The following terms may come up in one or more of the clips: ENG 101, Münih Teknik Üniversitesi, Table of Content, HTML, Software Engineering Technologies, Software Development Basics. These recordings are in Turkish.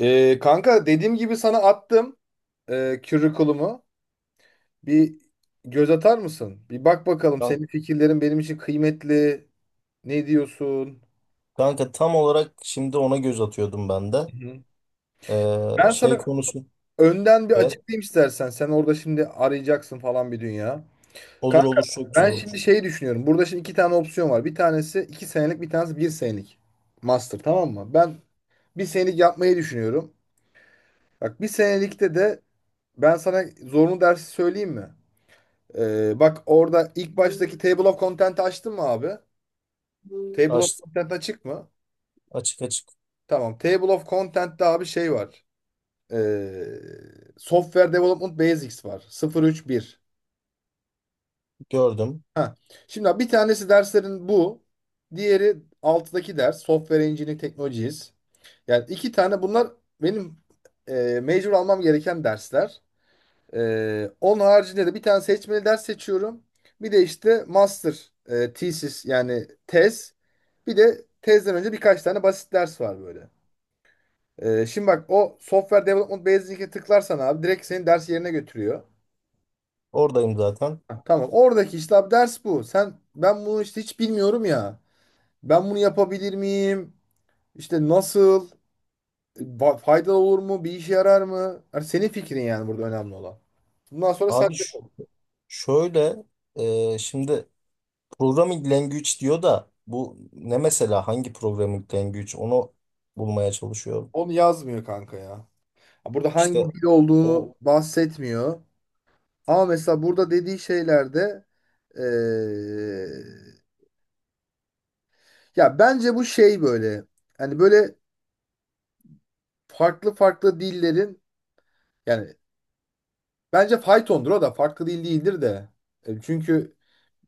Kanka dediğim gibi sana attım curriculum'u. Bir göz atar mısın? Bir bak bakalım, Kan- senin fikirlerin benim için kıymetli. Ne diyorsun? Kanka tam olarak şimdi ona göz atıyordum ben de. Hı hı. Ben Şey sana konusu önden bir evet, açıklayayım istersen. Sen orada şimdi arayacaksın falan bir dünya. olur Kanka, olur, çok ben güzel şimdi olur. şeyi düşünüyorum. Burada şimdi iki tane opsiyon var. Bir tanesi iki senelik, bir tanesi bir senelik. Master, tamam mı? Ben bir senelik yapmayı düşünüyorum. Bak, bir senelikte de ben sana zorunlu dersi söyleyeyim mi? Bak, orada ilk baştaki Table of Content'i açtın mı abi? Table of Aç, Content açık mı? Açık açık Tamam. Table of Content'te abi şey var. Ee, Software Development Basics var. 031. gördüm. Ha. Şimdi abi bir tanesi derslerin bu. Diğeri alttaki ders. Software Engineering Technologies. Yani iki tane bunlar benim major almam gereken dersler. Onun haricinde de bir tane seçmeli ders seçiyorum. Bir de işte master thesis, yani tez. Bir de tezden önce birkaç tane basit ders var böyle. Şimdi bak, o Software Development Basic'e tıklarsan abi direkt senin ders yerine götürüyor. Oradayım zaten. Ha, tamam, oradaki işte abi ders bu. Sen, ben bunu işte hiç bilmiyorum ya. Ben bunu yapabilir miyim? İşte nasıl? Faydalı olur mu? Bir işe yarar mı? Yani senin fikrin, yani burada önemli olan. Bundan sonra sen Abi de ş- şöyle e, şimdi programming language diyor da bu ne mesela, hangi programming language onu bulmaya çalışıyorum. onu yazmıyor kanka ya. Burada İşte hangi dil o olduğunu bahsetmiyor. Ama mesela burada dediği şeylerde eee, ya bence bu şey böyle, hani böyle farklı farklı dillerin, yani bence faytondur, o da farklı dil değildir de. Çünkü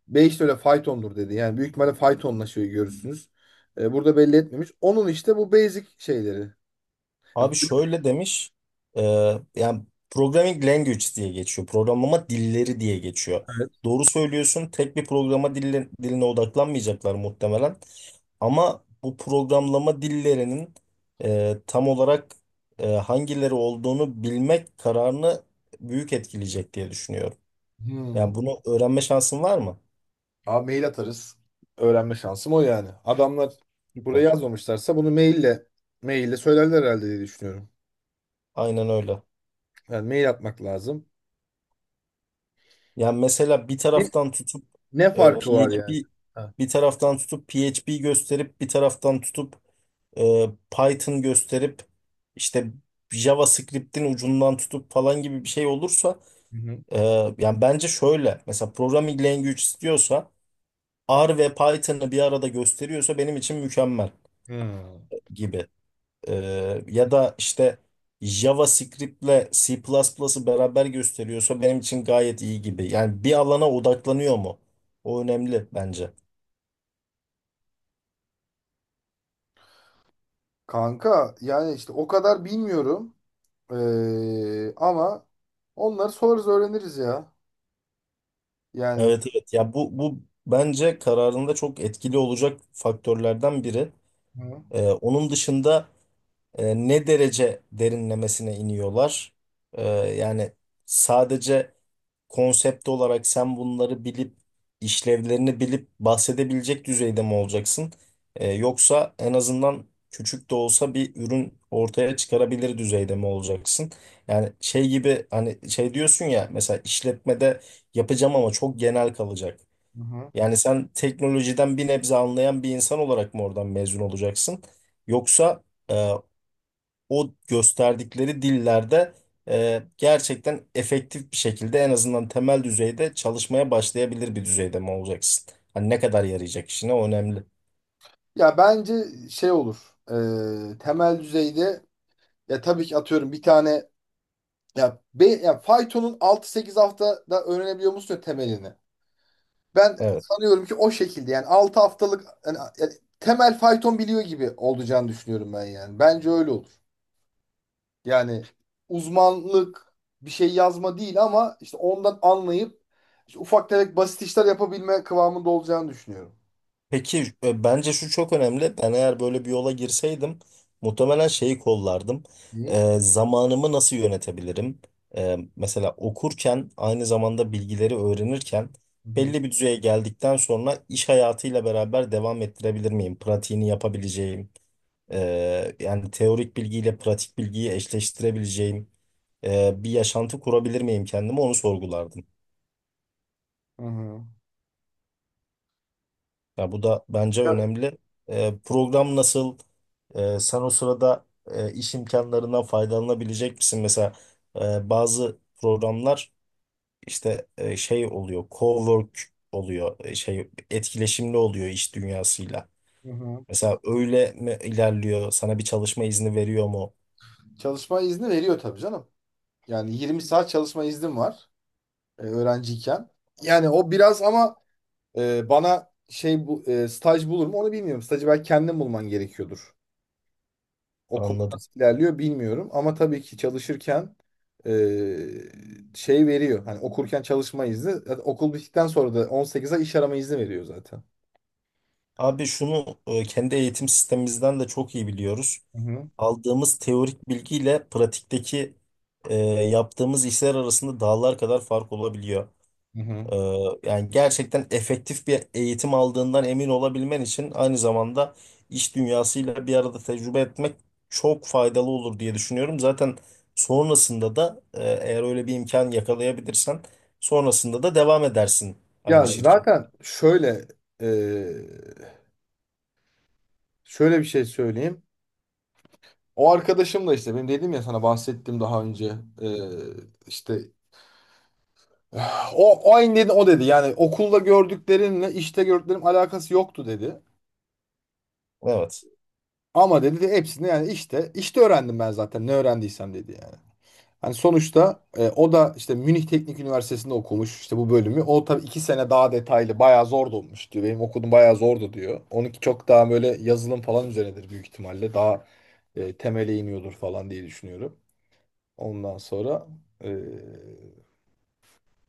Beyiş de öyle faytondur dedi. Yani büyük ihtimalle faytonla şey görürsünüz. E, burada belli etmemiş. Onun işte bu basic şeyleri. Yani- Abi şöyle demiş, e, yani programming language diye geçiyor, programlama dilleri diye geçiyor. Evet. Doğru söylüyorsun, tek bir diline odaklanmayacaklar muhtemelen. Ama bu programlama dillerinin tam olarak hangileri olduğunu bilmek kararını büyük etkileyecek diye düşünüyorum. Hmm. Yani bunu öğrenme şansın var mı? Abi, mail atarız. Öğrenme şansım o yani. Adamlar buraya Süper. yazmamışlarsa bunu maille maille söylerler herhalde diye düşünüyorum. Aynen öyle. Yani mail atmak lazım. Yani mesela bir Ne taraftan tutup ne farkı e, var PHP yani? Ha. bir taraftan tutup PHP gösterip, bir taraftan tutup Python gösterip, işte JavaScript'in ucundan tutup falan gibi bir şey olursa, Hı hı. e, yani bence şöyle, mesela programming language istiyorsa R ve Python'ı bir arada gösteriyorsa benim için mükemmel Hmm. gibi. Ya da işte JavaScript'le C++'ı beraber gösteriyorsa benim için gayet iyi gibi. Yani bir alana odaklanıyor mu? O önemli bence. Kanka, yani işte o kadar bilmiyorum. Ama onları sorarız, öğreniriz ya. Yani. Evet evet. Ya bu bence kararında çok etkili olacak faktörlerden biri. Hı hı. Onun dışında, ne derece derinlemesine iniyorlar? Yani sadece konsept olarak sen bunları bilip işlevlerini bilip bahsedebilecek düzeyde mi olacaksın? Yoksa en azından küçük de olsa bir ürün ortaya çıkarabilir düzeyde mi olacaksın? Yani şey gibi, hani şey diyorsun ya, mesela işletmede yapacağım ama çok genel kalacak. Hı hı. Yani sen teknolojiden bir nebze anlayan bir insan olarak mı oradan mezun olacaksın? Yoksa e, o gösterdikleri dillerde gerçekten efektif bir şekilde en azından temel düzeyde çalışmaya başlayabilir bir düzeyde mi olacaksın? Hani ne kadar yarayacak işine, o önemli. Ya bence şey olur. Temel düzeyde. Ya tabii ki atıyorum, bir tane, ya, be, ya faytonun altı sekiz haftada öğrenebiliyor musun ya temelini? Ben Evet. sanıyorum ki o şekilde, yani 6 haftalık, yani, temel fayton biliyor gibi olacağını düşünüyorum ben yani. Bence öyle olur. Yani uzmanlık bir şey yazma değil, ama işte ondan anlayıp işte ufak tefek basit işler yapabilme kıvamında olacağını düşünüyorum. Peki, bence şu çok önemli. Ben eğer böyle bir yola girseydim muhtemelen şeyi kollardım. İyi. Zamanımı nasıl yönetebilirim? Mesela okurken aynı zamanda bilgileri öğrenirken Hı hı. belli bir düzeye geldikten sonra iş hayatıyla beraber devam ettirebilir miyim? Pratiğini yapabileceğim. Yani teorik bilgiyle pratik bilgiyi eşleştirebileceğim bir yaşantı kurabilir miyim kendime, onu sorgulardım. Hı hı. Ya bu da bence Ya- önemli. Program nasıl? Sen o sırada iş imkanlarından faydalanabilecek misin? Mesela bazı programlar işte şey oluyor, cowork oluyor, şey, etkileşimli oluyor iş dünyasıyla. Hı hı. Mesela öyle mi ilerliyor? Sana bir çalışma izni veriyor mu? Çalışma izni veriyor tabii canım. Yani 20 saat çalışma iznim var. Öğrenciyken. Yani o biraz, ama bana şey, bu staj bulur mu onu bilmiyorum. Stajı belki kendin bulman gerekiyordur. O konu Anladım. nasıl ilerliyor bilmiyorum, ama tabii ki çalışırken e, şey veriyor. Hani okurken çalışma izni, zaten okul bittikten sonra da 18 ay iş arama izni veriyor zaten. Abi şunu, kendi eğitim sistemimizden de çok iyi biliyoruz. Hı hı. Aldığımız teorik bilgiyle pratikteki e, yaptığımız işler arasında dağlar kadar fark olabiliyor. Hı hı. E, Yani gerçekten efektif bir eğitim aldığından emin olabilmen için aynı zamanda iş dünyasıyla bir arada tecrübe etmek çok faydalı olur diye düşünüyorum. Zaten sonrasında da, eğer öyle bir imkan yakalayabilirsen, sonrasında da devam edersin Ya aynı aynen, şirket. zaten şöyle, e, şöyle bir şey söyleyeyim. O arkadaşım da işte benim, dedim ya sana bahsettim daha önce, e, işte o aynı dedi, o dedi. Yani okulda gördüklerinle işte gördüklerim alakası yoktu dedi. Evet. Ama dedi, de hepsini yani, işte işte öğrendim ben zaten ne öğrendiysem dedi yani. Hani sonuçta o da işte Münih Teknik Üniversitesi'nde okumuş işte bu bölümü. O tabii iki sene daha detaylı, bayağı zor da olmuş diyor. Benim okudum bayağı zordu diyor. Onunki çok daha böyle yazılım falan üzerinedir büyük ihtimalle. Daha temele iniyordur falan diye düşünüyorum. Ondan sonra e,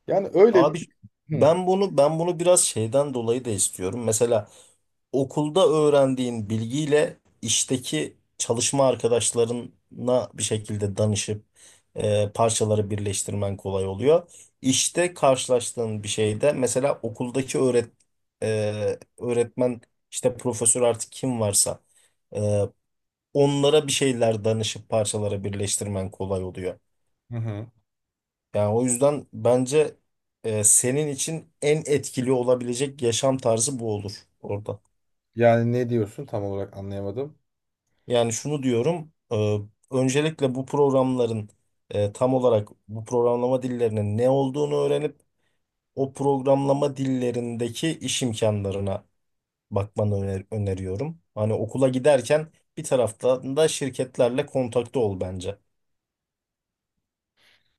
yani öyle bir... Abi Hı. ben bunu biraz şeyden dolayı da istiyorum. Mesela okulda öğrendiğin bilgiyle işteki çalışma arkadaşlarına bir şekilde danışıp parçaları birleştirmen kolay oluyor. İşte karşılaştığın bir şeyde mesela okuldaki öğretmen, işte profesör, artık kim varsa e, onlara bir şeyler danışıp parçalara birleştirmen kolay oluyor. Hı hı. Yani o yüzden bence senin için en etkili olabilecek yaşam tarzı bu olur orada. Yani ne diyorsun tam olarak anlayamadım. Yani şunu diyorum, öncelikle bu programların, tam olarak bu programlama dillerinin ne olduğunu öğrenip o programlama dillerindeki iş imkanlarına bakmanı öneriyorum. Hani okula giderken bir taraftan da şirketlerle kontakta ol bence.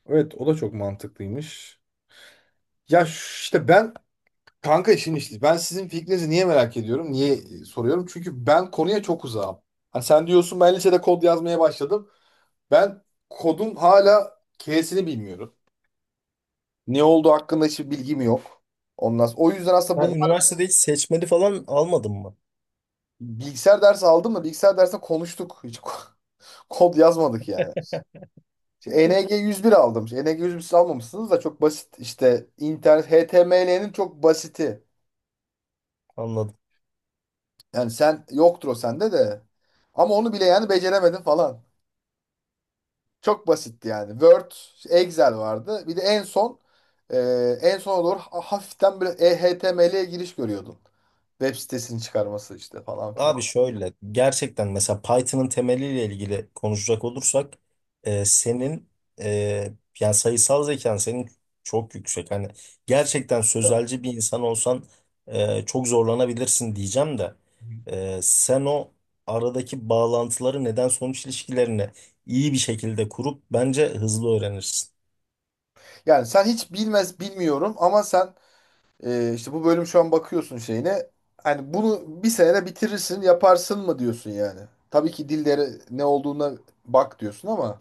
Evet, o da çok mantıklıymış. Ya ş- işte ben, kanka işin işte, ben sizin fikrinizi niye merak ediyorum? Niye soruyorum? Çünkü ben konuya çok uzağım. Hani sen diyorsun ben lisede kod yazmaya başladım. Ben kodun hala K'sini bilmiyorum. Ne olduğu hakkında hiçbir bilgim yok. O yüzden aslında Ben bunlar üniversitede hiç seçmeli falan almadım mı? bilgisayar dersi aldım da bilgisayar dersinde konuştuk. Kod yazmadık yani. İşte ENG 101 aldım. İşte ENG 101 siz almamışsınız da çok basit. İşte internet, HTML'nin çok basiti. Anladım. Yani sen, yoktur o sende de. Ama onu bile yani beceremedim falan. Çok basitti yani. Word, Excel vardı. Bir de en son e, en sona doğru hafiften böyle HTML'ye giriş görüyordun. Web sitesini çıkarması işte falan filan. Abi şöyle, gerçekten mesela Python'ın temeliyle ilgili konuşacak olursak senin e, yani sayısal zekan senin çok yüksek. Hani gerçekten sözelci bir insan olsan çok zorlanabilirsin diyeceğim de sen o aradaki bağlantıları, neden sonuç ilişkilerini iyi bir şekilde kurup bence hızlı öğrenirsin. Yani sen hiç bilmez, bilmiyorum, ama sen işte bu bölüm, şu an bakıyorsun şeyine. Hani bunu bir senede bitirirsin, yaparsın mı diyorsun yani? Tabii ki dillere ne olduğuna bak diyorsun, ama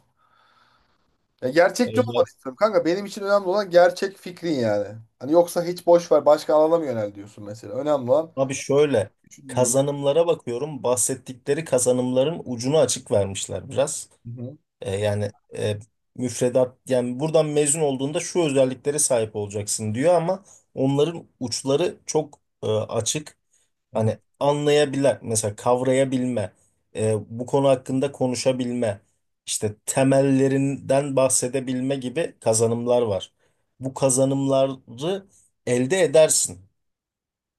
ya E, gerçekçi olmanı ya- istiyorum kanka. Benim için önemli olan gerçek fikrin yani. Hani yoksa hiç boş ver, başka alana mı yönel diyorsun mesela? Önemli olan Abi şöyle, düşündüğün. kazanımlara bakıyorum, bahsettikleri kazanımların ucunu açık vermişler biraz. Hı hı, Yani e, müfredat, yani buradan mezun olduğunda şu özelliklere sahip olacaksın diyor ama onların uçları çok açık. hı hı, Hani anlayabilen mesela, kavrayabilme, bu konu hakkında konuşabilme, işte temellerinden bahsedebilme gibi kazanımlar var. Bu kazanımları elde edersin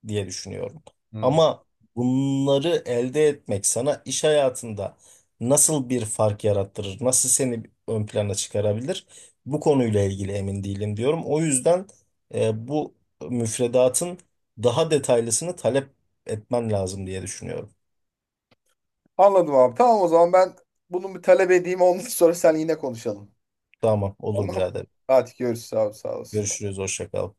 diye düşünüyorum. hı. Ama bunları elde etmek sana iş hayatında nasıl bir fark yarattırır, nasıl seni ön plana çıkarabilir? Bu konuyla ilgili emin değilim diyorum. O yüzden bu müfredatın daha detaylısını talep etmen lazım diye düşünüyorum. Anladım abi. Tamam, o zaman ben bunu bir talep edeyim. Ondan sonra sen, yine konuşalım. Tamam, olur Tamam. birader. Hadi görüşürüz abi, sağ olasın. Görüşürüz, hoşça kal.